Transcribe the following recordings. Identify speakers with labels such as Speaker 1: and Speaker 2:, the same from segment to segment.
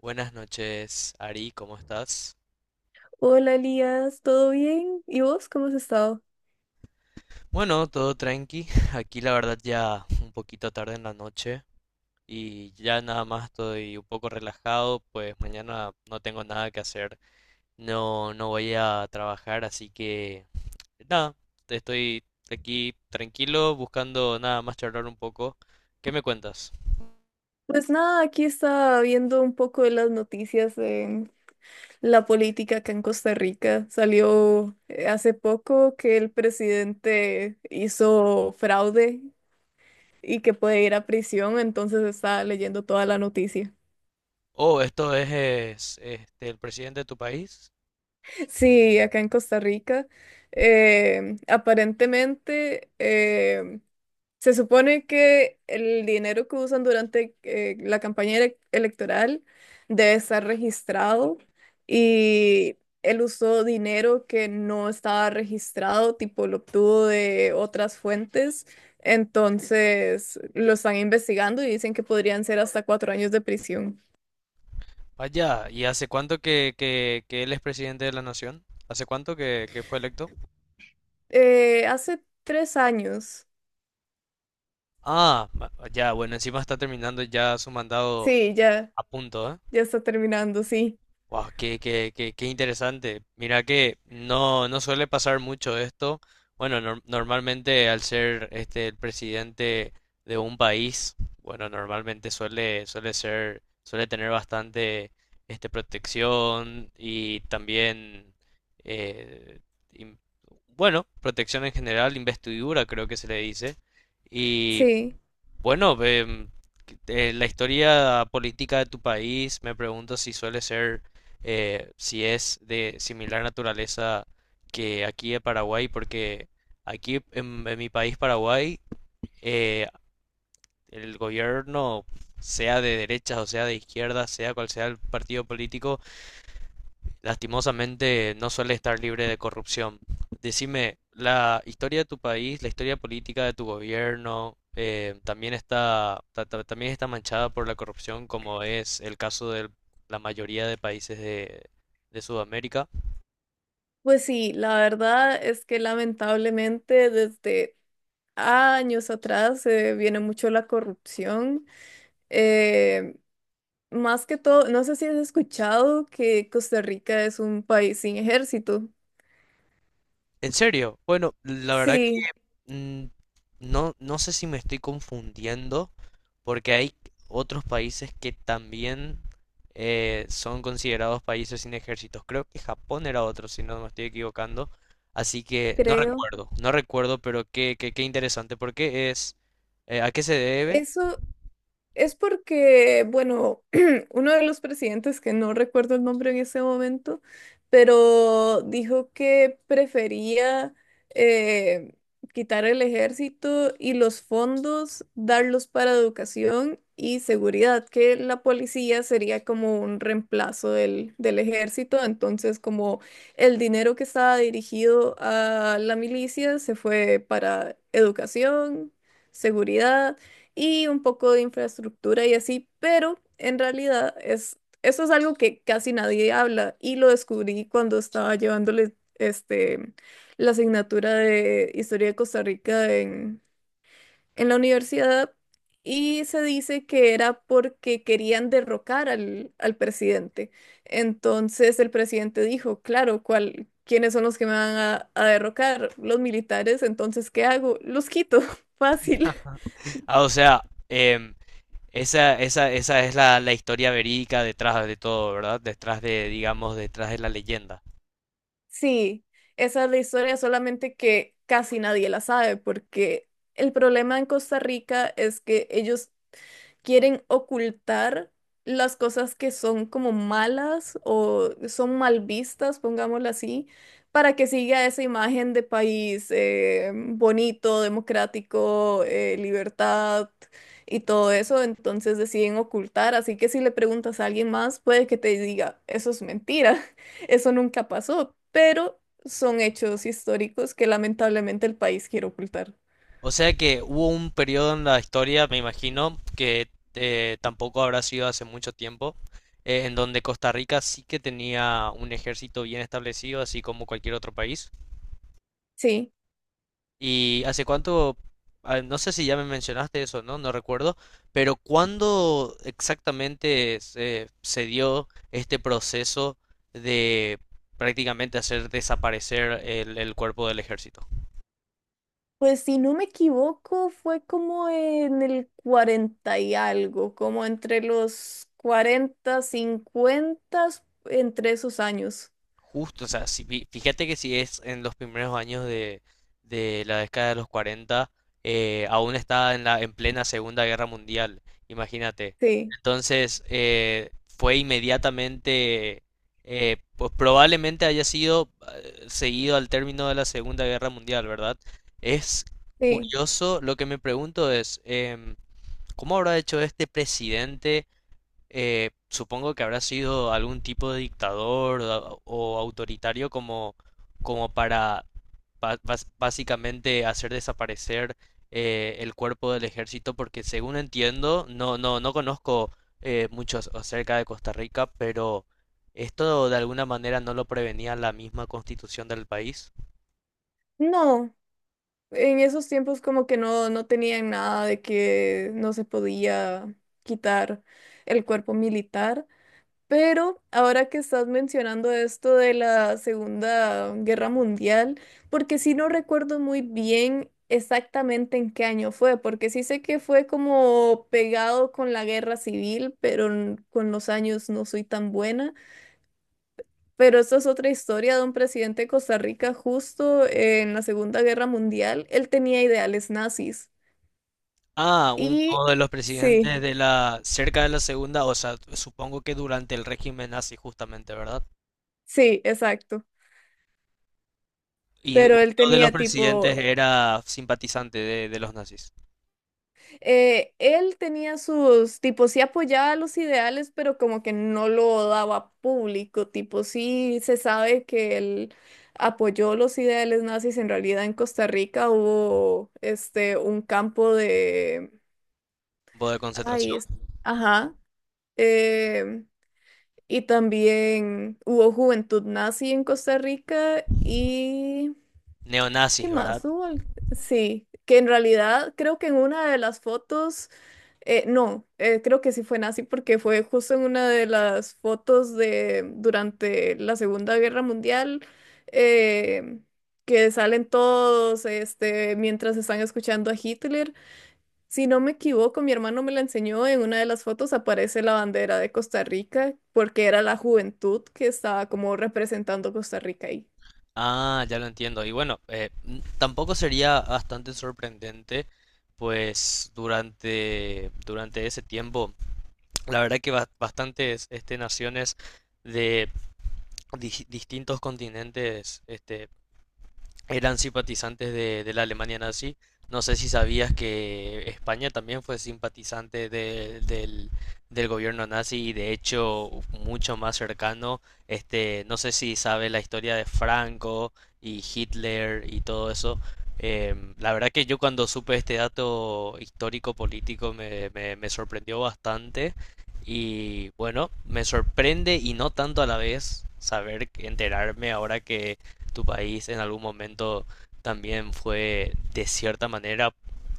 Speaker 1: Buenas noches, Ari, ¿cómo estás?
Speaker 2: Hola Elías, ¿todo bien? ¿Y vos cómo has estado?
Speaker 1: Bueno, todo tranqui. Aquí la verdad ya un poquito tarde en la noche y ya nada más estoy un poco relajado, pues mañana no tengo nada que hacer. No, no voy a trabajar, así que nada, estoy aquí tranquilo buscando nada más charlar un poco. ¿Qué me cuentas?
Speaker 2: Pues nada, aquí estaba viendo un poco de las noticias de la política acá en Costa Rica. Salió hace poco que el presidente hizo fraude y que puede ir a prisión, entonces estaba leyendo toda la noticia.
Speaker 1: Oh, esto es, este, el presidente de tu país.
Speaker 2: Sí, acá en Costa Rica. Aparentemente, se supone que el dinero que usan durante la electoral debe estar registrado y él usó dinero que no estaba registrado, tipo lo obtuvo de otras fuentes, entonces lo están investigando y dicen que podrían ser hasta 4 años de prisión.
Speaker 1: Vaya, ¿y hace cuánto que él es presidente de la nación? ¿Hace cuánto que, fue electo?
Speaker 2: Hace 3 años,
Speaker 1: Ya, bueno, encima está terminando ya su mandado
Speaker 2: sí, ya,
Speaker 1: a punto, ¿eh?
Speaker 2: ya está terminando, sí,
Speaker 1: Wow, qué interesante. Mira que no, no suele pasar mucho esto. Bueno, normalmente al ser este el presidente de un país, bueno, normalmente suele tener bastante este protección y también eh, im- bueno, protección en general, investidura creo que se le dice. Y
Speaker 2: sí.
Speaker 1: bueno, la historia política de tu país, me pregunto si suele ser, si es de similar naturaleza que aquí en Paraguay, porque aquí en mi país, Paraguay, eh, el gobierno, sea de derechas o sea de izquierdas, sea cual sea el partido político, lastimosamente no suele estar libre de corrupción. Decime, la historia de tu país, la historia política de tu gobierno, también está, también está manchada por la corrupción, como es el caso de la mayoría de países de Sudamérica.
Speaker 2: Pues sí, la verdad es que lamentablemente desde años atrás viene mucho la corrupción. Eh, Más que todo, no sé si has escuchado que Costa Rica es un país sin ejército.
Speaker 1: ¿En serio? Bueno, la verdad
Speaker 2: Sí,
Speaker 1: mm, no, no sé si me estoy confundiendo, porque hay otros países que también son considerados países sin ejércitos. Creo que Japón era otro, si no me estoy equivocando. Así que
Speaker 2: creo.
Speaker 1: no recuerdo, pero qué interesante. ¿Por qué es? ¿A qué se debe?
Speaker 2: Eso, es porque, bueno, uno de los presidentes, que no recuerdo el nombre en ese momento, pero dijo que prefería eh, quitar el ejército y los fondos, darlos para educación y seguridad, que la policía sería como un reemplazo del ejército. Entonces, como el dinero que estaba dirigido a la milicia se fue para educación, seguridad y un poco de infraestructura y así, pero en realidad es, eso es algo que casi nadie habla y lo descubrí cuando estaba llevándole este, la asignatura de Historia de Costa Rica en la universidad y se dice que era porque querían derrocar al presidente. Entonces el presidente dijo, claro, ¿cuál? ¿Quiénes son los que me van a derrocar? Los militares, entonces, ¿qué hago? Los quito, fácil.
Speaker 1: Ah, o sea, em, esa es la historia verídica detrás de todo, ¿verdad? Detrás de, digamos, detrás de la leyenda.
Speaker 2: Sí, esa es la historia, solamente que casi nadie la sabe, porque el problema en Costa Rica es que ellos quieren ocultar las cosas que son como malas o son mal vistas, pongámoslo así, para que siga esa imagen de país bonito, democrático, libertad y todo eso. Entonces deciden ocultar. Así que si le preguntas a alguien más, puede que te diga, eso es mentira, eso nunca pasó, pero son hechos históricos que lamentablemente el país quiere ocultar.
Speaker 1: O sea que hubo un periodo en la historia, me imagino, que tampoco habrá sido hace mucho tiempo, en donde Costa Rica sí que tenía un ejército bien establecido, así como cualquier otro país.
Speaker 2: Sí.
Speaker 1: ¿Y hace cuánto? No sé si ya me mencionaste eso, ¿no? No recuerdo, pero ¿cuándo exactamente se dio este proceso de prácticamente hacer desaparecer el cuerpo del ejército?
Speaker 2: Pues si no me equivoco, fue como en el 40 y algo, como entre los 40, 50, entre esos años.
Speaker 1: Justo, o sea, fíjate que si es en los primeros años de la década de los 40, aún está en en plena Segunda Guerra Mundial, imagínate.
Speaker 2: Sí,
Speaker 1: Entonces, fue inmediatamente, pues probablemente haya sido seguido al término de la Segunda Guerra Mundial, ¿verdad? Es
Speaker 2: sí.
Speaker 1: curioso, lo que me pregunto es, em, ¿cómo habrá hecho este presidente? Eh, supongo que habrá sido algún tipo de dictador o autoritario como, como para básicamente hacer desaparecer el cuerpo del ejército, porque según entiendo, no conozco mucho acerca de Costa Rica, pero esto de alguna manera no lo prevenía la misma constitución del país.
Speaker 2: No, en esos tiempos como que no, no tenían nada de que no se podía quitar el cuerpo militar. Pero ahora que estás mencionando esto de la Segunda Guerra Mundial, porque sí no recuerdo muy bien exactamente en qué año fue, porque sí sé que fue como pegado con la guerra civil, pero con los años no soy tan buena. Pero esta es otra historia de un presidente de Costa Rica justo en la Segunda Guerra Mundial. Él tenía ideales nazis.
Speaker 1: Ah, uno
Speaker 2: Y
Speaker 1: de los
Speaker 2: sí,
Speaker 1: presidentes de la, cerca de la segunda, o sea, supongo que durante el régimen nazi justamente, ¿verdad?
Speaker 2: sí, exacto.
Speaker 1: Y uno
Speaker 2: Pero él
Speaker 1: de los
Speaker 2: tenía tipo
Speaker 1: presidentes era simpatizante de los nazis.
Speaker 2: él tenía sus, tipo, sí apoyaba los ideales, pero como que no lo daba público, tipo, sí se sabe que él apoyó los ideales nazis, en realidad en Costa Rica hubo, este, un campo de,
Speaker 1: Campo de
Speaker 2: ay,
Speaker 1: concentración.
Speaker 2: ajá, eh, y también hubo juventud nazi en Costa Rica y, ¿qué
Speaker 1: Neonazis, ¿verdad?
Speaker 2: más hubo? Sí, que en realidad creo que en una de las fotos. No, creo que sí fue nazi porque fue justo en una de las fotos de durante la Segunda Guerra Mundial, eh, que salen todos este, mientras están escuchando a Hitler. Si no me equivoco, mi hermano me la enseñó, en una de las fotos aparece la bandera de Costa Rica porque era la juventud que estaba como representando Costa Rica ahí.
Speaker 1: Ah, ya lo entiendo. Y bueno, tampoco sería bastante sorprendente, pues durante ese tiempo, la verdad que bastantes este, naciones de distintos continentes este, eran simpatizantes de la Alemania nazi. No sé si sabías que España también fue simpatizante del, del gobierno nazi y de hecho mucho más cercano. Este, no sé si sabes la historia de Franco y Hitler y todo eso. Em, la verdad que yo cuando supe este dato histórico político me sorprendió bastante y bueno, me sorprende y no tanto a la vez saber, enterarme ahora que tu país en algún momento también fue de cierta manera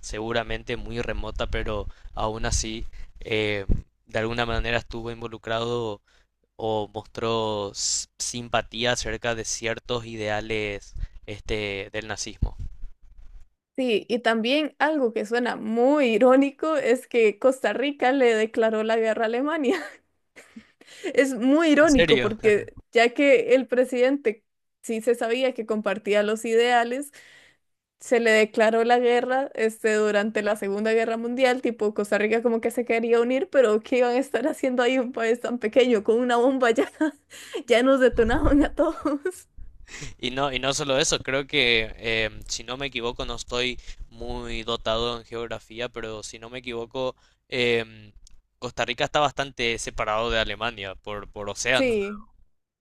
Speaker 1: seguramente muy remota, pero aún así eh, de alguna manera estuvo involucrado o mostró simpatía acerca de ciertos ideales este del nazismo.
Speaker 2: Sí, y también algo que suena muy irónico es que Costa Rica le declaró la guerra a Alemania. Es muy
Speaker 1: ¿En
Speaker 2: irónico
Speaker 1: serio?
Speaker 2: porque ya que el presidente sí se sabía que compartía los ideales, se le declaró la guerra este, durante la Segunda Guerra Mundial, tipo Costa Rica como que se quería unir, pero ¿qué iban a estar haciendo ahí un país tan pequeño con una bomba ya? Ya nos detonaban a todos.
Speaker 1: Y no solo eso, creo que si no me equivoco, no estoy muy dotado en geografía, pero si no me equivoco, em, Costa Rica está bastante separado de Alemania por océanos.
Speaker 2: Sí,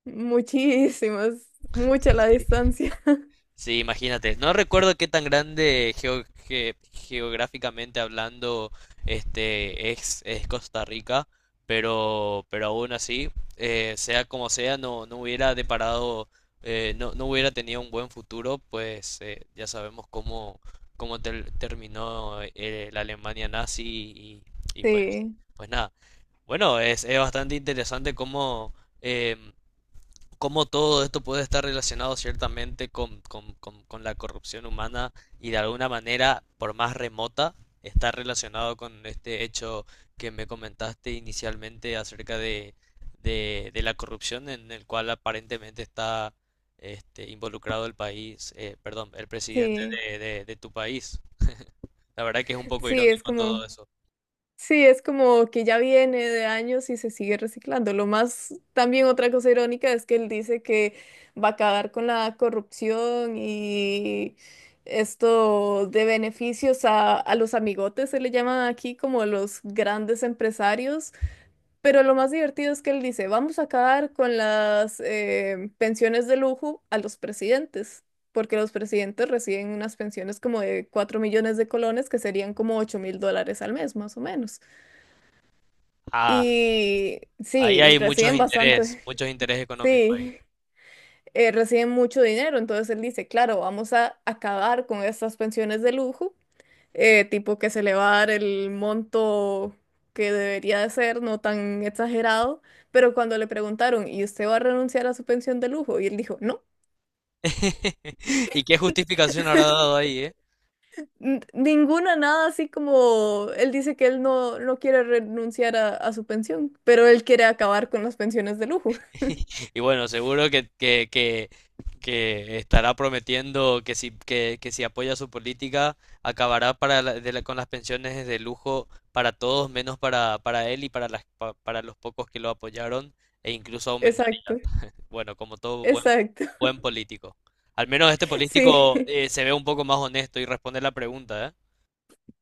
Speaker 2: muchísimas, mucha la
Speaker 1: Sí.
Speaker 2: distancia.
Speaker 1: Sí, imagínate. No recuerdo qué tan grande geográficamente hablando este es Costa Rica, pero aún así, sea como sea, no, no hubiera deparado, no, no hubiera tenido un buen futuro, pues ya sabemos cómo, cómo terminó la Alemania nazi y pues,
Speaker 2: Sí,
Speaker 1: pues nada. Bueno, es bastante interesante cómo... em, cómo todo esto puede estar relacionado ciertamente con, con la corrupción humana y de alguna manera, por más remota, está relacionado con este hecho que me comentaste inicialmente acerca de, de la corrupción en el cual aparentemente está este, involucrado el país, perdón, el presidente
Speaker 2: sí,
Speaker 1: de, de tu país. La verdad que es un poco
Speaker 2: sí, es
Speaker 1: irónico todo
Speaker 2: como...
Speaker 1: eso.
Speaker 2: Sí, es como que ya viene de años y se sigue reciclando. Lo más, también otra cosa irónica es que él dice que va a acabar con la corrupción y esto de beneficios a los amigotes, se le llaman aquí como los grandes empresarios. Pero lo más divertido es que él dice, vamos a acabar con las pensiones de lujo a los presidentes. Porque los presidentes reciben unas pensiones como de 4 millones de colones, que serían como 8000 dólares al mes, más o menos.
Speaker 1: Ah,
Speaker 2: Y
Speaker 1: ahí
Speaker 2: sí,
Speaker 1: hay
Speaker 2: reciben bastante,
Speaker 1: muchos intereses económicos ahí.
Speaker 2: sí, reciben mucho dinero. Entonces él dice, claro, vamos a acabar con estas pensiones de lujo, tipo que se le va a dar el monto que debería de ser, no tan exagerado. Pero cuando le preguntaron, ¿y usted va a renunciar a su pensión de lujo? Y él dijo, no,
Speaker 1: ¿Y qué justificación habrá dado ahí, eh?
Speaker 2: ninguna, nada así como él dice que él no, no quiere renunciar a su pensión, pero él quiere acabar con las pensiones de lujo.
Speaker 1: Y bueno, seguro que estará prometiendo que si apoya su política, acabará para con las pensiones de lujo para todos, menos para él y para, las, para los pocos que lo apoyaron, e incluso aumentar,
Speaker 2: Exacto,
Speaker 1: bueno, como todo buen,
Speaker 2: exacto,
Speaker 1: buen político. Al menos este
Speaker 2: sí.
Speaker 1: político se ve un poco más honesto y responde la pregunta, ¿eh?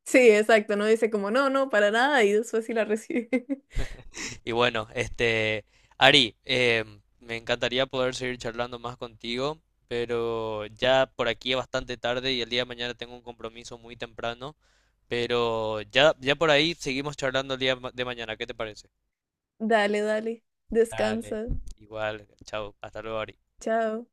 Speaker 2: Sí, exacto, no dice como no, no, para nada y después sí la recibe.
Speaker 1: Y bueno, este, Ari, me encantaría poder seguir charlando más contigo, pero ya por aquí es bastante tarde y el día de mañana tengo un compromiso muy temprano, pero ya, ya por ahí seguimos charlando el día de mañana, ¿qué te parece?
Speaker 2: Dale, dale, descansa,
Speaker 1: Dale, igual, chao, hasta luego, Ari.
Speaker 2: chao.